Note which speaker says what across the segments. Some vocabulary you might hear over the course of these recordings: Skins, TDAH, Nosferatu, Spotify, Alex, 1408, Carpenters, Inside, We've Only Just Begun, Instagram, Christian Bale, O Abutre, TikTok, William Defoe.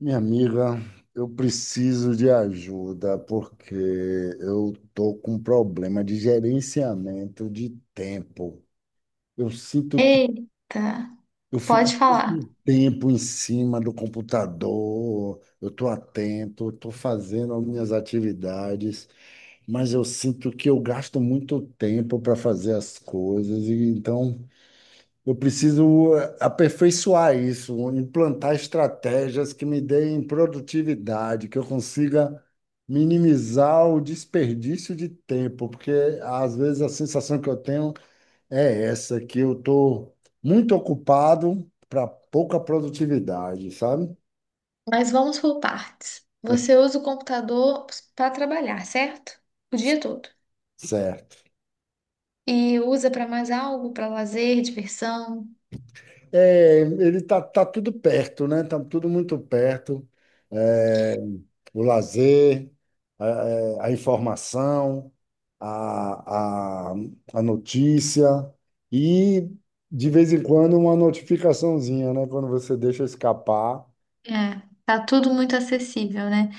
Speaker 1: Minha amiga, eu preciso de ajuda porque eu tô com um problema de gerenciamento de tempo. Eu sinto que
Speaker 2: Eita,
Speaker 1: eu fico
Speaker 2: pode falar.
Speaker 1: muito tempo em cima do computador, eu tô atento, eu tô fazendo as minhas atividades, mas eu sinto que eu gasto muito tempo para fazer as coisas e então eu preciso aperfeiçoar isso, implantar estratégias que me deem produtividade, que eu consiga minimizar o desperdício de tempo, porque às vezes a sensação que eu tenho é essa, que eu estou muito ocupado para pouca produtividade, sabe?
Speaker 2: Mas vamos por partes. Você usa o computador para trabalhar, certo? O dia todo.
Speaker 1: Certo.
Speaker 2: E usa para mais algo, para lazer, diversão.
Speaker 1: É, ele tá tudo perto, né? Tá tudo muito perto. É, o lazer, a, a informação, a, a, a notícia e, de vez em quando, uma notificaçãozinha, né? Quando você deixa escapar.
Speaker 2: É, tá tudo muito acessível, né?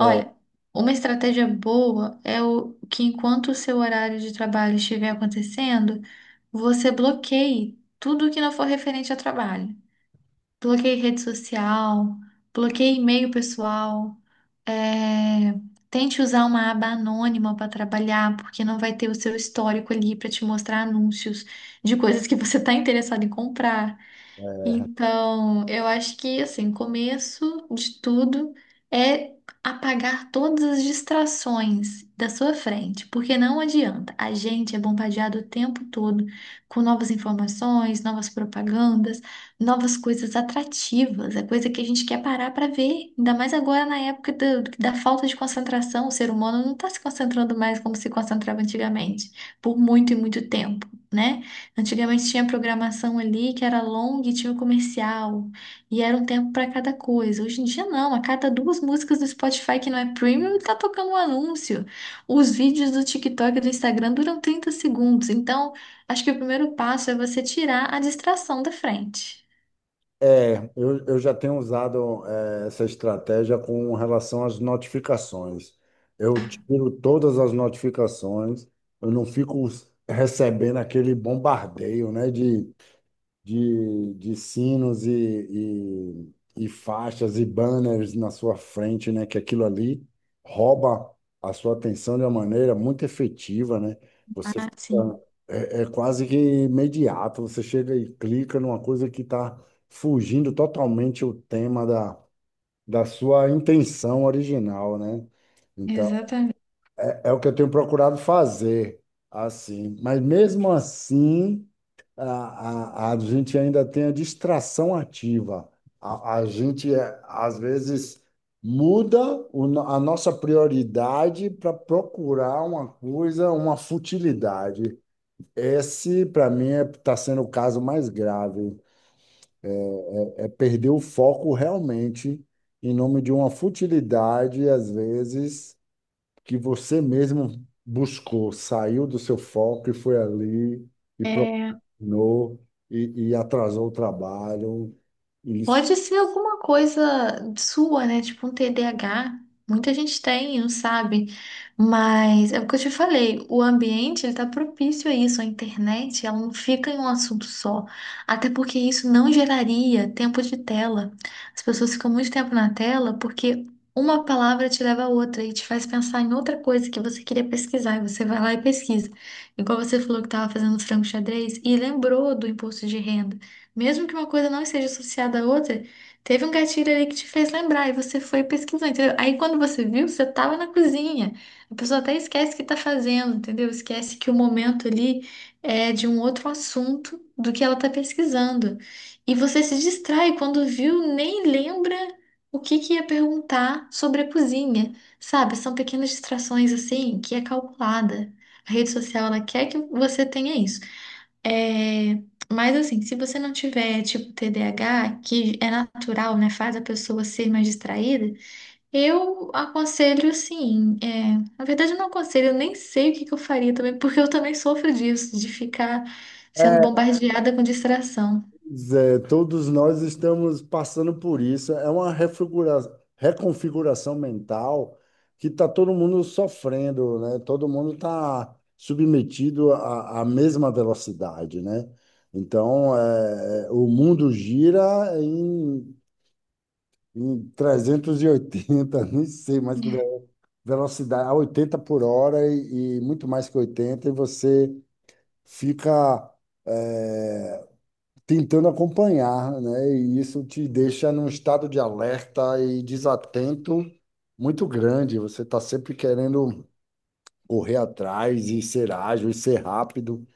Speaker 2: Olha, uma estratégia boa é o que enquanto o seu horário de trabalho estiver acontecendo, você bloqueie tudo que não for referente ao trabalho. Bloqueei rede social, bloqueei e-mail pessoal. É, tente usar uma aba anônima para trabalhar, porque não vai ter o seu histórico ali para te mostrar anúncios de coisas que você está interessado em comprar. Então, eu acho que assim, começo de tudo é apagar todas as distrações da sua frente, porque não adianta. A gente é bombardeado o tempo todo com novas informações, novas propagandas, novas coisas atrativas, é coisa que a gente quer parar para ver. Ainda mais agora na época da falta de concentração, o ser humano não está se concentrando mais como se concentrava antigamente, por muito e muito tempo, né? Antigamente tinha programação ali que era longa e tinha o comercial, e era um tempo para cada coisa. Hoje em dia não, a cada duas músicas do Spotify que não é premium tá tocando um anúncio. Os vídeos do TikTok e do Instagram duram 30 segundos, então acho que o primeiro passo é você tirar a distração da frente.
Speaker 1: É, eu já tenho usado essa estratégia com relação às notificações. Eu tiro todas as notificações, eu não fico recebendo aquele bombardeio, né, de sinos e faixas e banners na sua frente, né? Que aquilo ali rouba a sua atenção de uma maneira muito efetiva, né? Você
Speaker 2: Ah,
Speaker 1: fica,
Speaker 2: sim,
Speaker 1: é quase que imediato, você chega e clica numa coisa que está fugindo totalmente o tema da sua intenção original, né? Então,
Speaker 2: exatamente.
Speaker 1: é o que eu tenho procurado fazer, assim. Mas mesmo assim a gente ainda tem a distração ativa. A gente, é, às vezes, muda o no- a nossa prioridade para procurar uma coisa, uma futilidade. Esse, para mim, está sendo o caso mais grave. É perder o foco realmente em nome de uma futilidade, às vezes, que você mesmo buscou, saiu do seu foco e foi ali e procrastinou e atrasou o trabalho. Isso.
Speaker 2: Pode ser alguma coisa sua, né? Tipo um TDAH. Muita gente tem, não sabe. Mas é o que eu te falei, o ambiente ele tá propício a isso. A internet, ela não fica em um assunto só. Até porque isso não geraria tempo de tela. As pessoas ficam muito tempo na tela porque uma palavra te leva a outra e te faz pensar em outra coisa que você queria pesquisar. E você vai lá e pesquisa. Igual você falou que estava fazendo frango xadrez e lembrou do imposto de renda. Mesmo que uma coisa não esteja associada à outra, teve um gatilho ali que te fez lembrar e você foi pesquisando, entendeu? Aí quando você viu, você estava na cozinha. A pessoa até esquece o que está fazendo, entendeu? Esquece que o momento ali é de um outro assunto do que ela está pesquisando. E você se distrai quando viu, nem lembra o que que ia perguntar sobre a cozinha, sabe? São pequenas distrações assim que é calculada. A rede social, ela quer que você tenha isso. É, mas assim, se você não tiver tipo TDAH, que é natural, né, faz a pessoa ser mais distraída, eu aconselho sim. É, na verdade, eu não aconselho, eu nem sei o que que eu faria também, porque eu também sofro disso, de ficar sendo
Speaker 1: É,
Speaker 2: bombardeada com distração.
Speaker 1: Zé, todos nós estamos passando por isso. É uma reconfiguração mental que está todo mundo sofrendo, né? Todo mundo está submetido à mesma velocidade, né? Então, o mundo gira em 380 nem sei mais que ve-
Speaker 2: É.
Speaker 1: velocidade, a 80 por hora e muito mais que 80 e você fica eh, tentando acompanhar, né? E isso te deixa num estado de alerta e desatento muito grande. Você está sempre querendo correr atrás e ser ágil e ser rápido,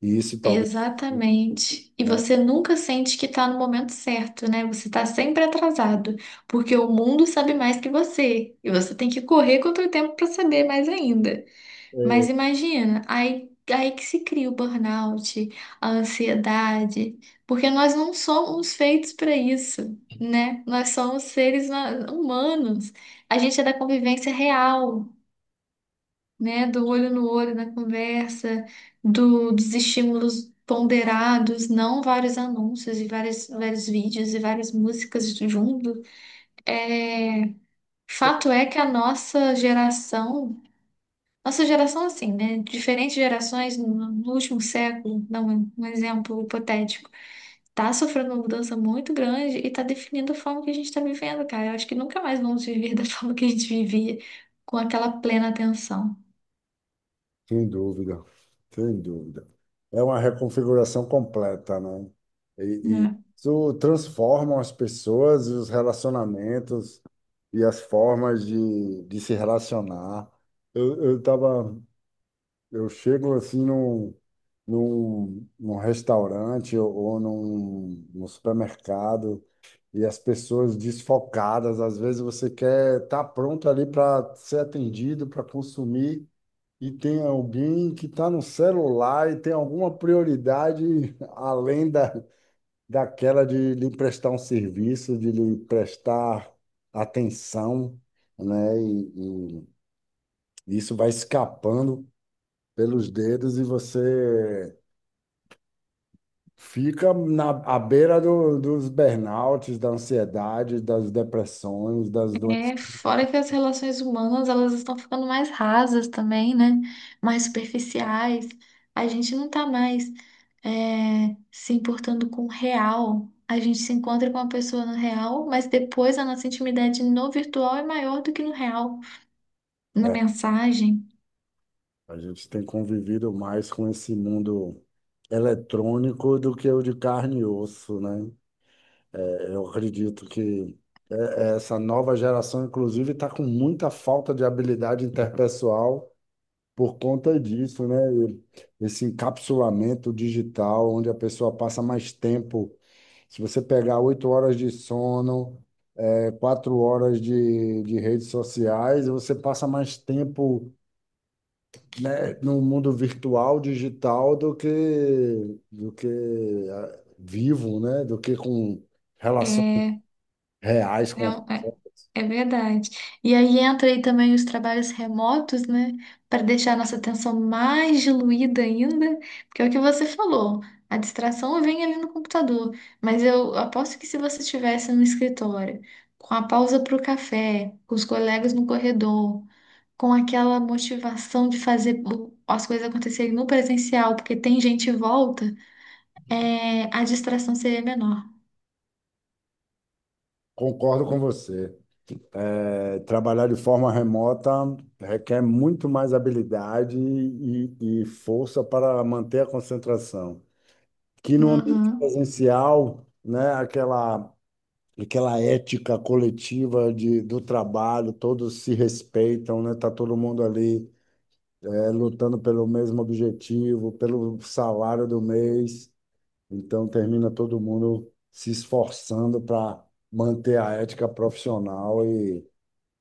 Speaker 1: e isso talvez,
Speaker 2: Exatamente. E
Speaker 1: né?
Speaker 2: você nunca sente que está no momento certo, né? Você está sempre atrasado, porque o mundo sabe mais que você, e você tem que correr contra o tempo para saber mais ainda. Mas
Speaker 1: eh,
Speaker 2: imagina, aí que se cria o burnout, a ansiedade, porque nós não somos feitos para isso, né? Nós somos seres humanos. A gente é da convivência real, né? Do olho no olho, na conversa, dos estímulos ponderados, não vários anúncios e vários, vários vídeos e várias músicas junto. É, fato é que a nossa geração, assim, né? Diferentes gerações no último século, dá um exemplo hipotético, tá sofrendo uma mudança muito grande e tá definindo a forma que a gente tá vivendo, cara. Eu acho que nunca mais vamos viver da forma que a gente vivia, com aquela plena atenção.
Speaker 1: Sem dúvida, sem dúvida. É uma reconfiguração completa, né? E, e
Speaker 2: Né?
Speaker 1: isso transforma as pessoas e os relacionamentos e as formas de se relacionar. Eu tava, eu chego assim num restaurante ou, num supermercado e as pessoas desfocadas. Às vezes você quer estar pronto ali para ser atendido, para consumir e tem alguém que está no celular e tem alguma prioridade além daquela de lhe prestar um serviço, de lhe prestar atenção, né? E isso vai escapando pelos dedos e você fica à beira dos burnouts, da ansiedade, das depressões, das doenças.
Speaker 2: É, fora que as relações humanas, elas estão ficando mais rasas também, né? Mais superficiais. A gente não tá mais se importando com o real. A gente se encontra com a pessoa no real, mas depois a nossa intimidade no virtual é maior do que no real, na mensagem.
Speaker 1: A gente tem convivido mais com esse mundo eletrônico do que o de carne e osso, né? Eu acredito que essa nova geração, inclusive, está com muita falta de habilidade interpessoal por conta disso, né? Esse encapsulamento digital, onde a pessoa passa mais tempo. Se você pegar 8 horas de sono, é 4 horas de redes sociais, você passa mais tempo, né, no mundo virtual, digital, do que vivo, né? Do que com relações
Speaker 2: é,
Speaker 1: reais,
Speaker 2: É,
Speaker 1: com
Speaker 2: um- é, é verdade. E aí entra aí também os trabalhos remotos, né? Para deixar a nossa atenção mais diluída ainda, porque é o que você falou, a distração vem ali no computador. Mas eu aposto que se você estivesse no escritório, com a pausa para o café, com os colegas no corredor, com aquela motivação de fazer as coisas acontecerem no presencial, porque tem gente em volta, a distração seria menor.
Speaker 1: Concordo com você. É, trabalhar de forma remota requer muito mais habilidade e força para manter a concentração. Que no ambiente
Speaker 2: Uhum.
Speaker 1: presencial, né, aquela ética coletiva do trabalho, todos se respeitam, né, tá todo mundo ali, é, lutando pelo mesmo objetivo, pelo salário do mês. Então termina todo mundo se esforçando para manter a ética profissional e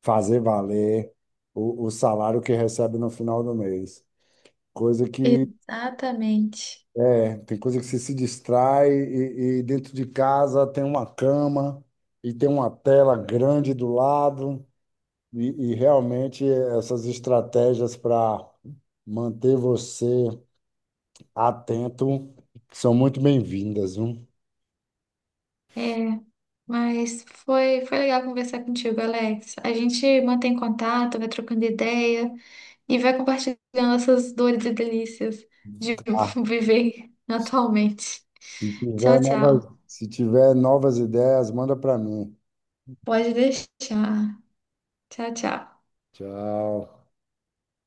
Speaker 1: fazer valer o salário que recebe no final do mês. Coisa que
Speaker 2: Exatamente.
Speaker 1: é, tem coisa que você se distrai e dentro de casa tem uma cama e tem uma tela grande do lado e realmente essas estratégias para manter você atento são muito bem-vindas, viu?
Speaker 2: É. Mas foi legal conversar contigo, Alex. A gente mantém contato, vai trocando ideia e vai compartilhando essas dores e delícias de
Speaker 1: Ah,
Speaker 2: viver atualmente.
Speaker 1: se tiver
Speaker 2: Tchau,
Speaker 1: novas,
Speaker 2: tchau.
Speaker 1: se tiver novas ideias, manda para mim.
Speaker 2: Pode deixar. Tchau, tchau.
Speaker 1: Tchau.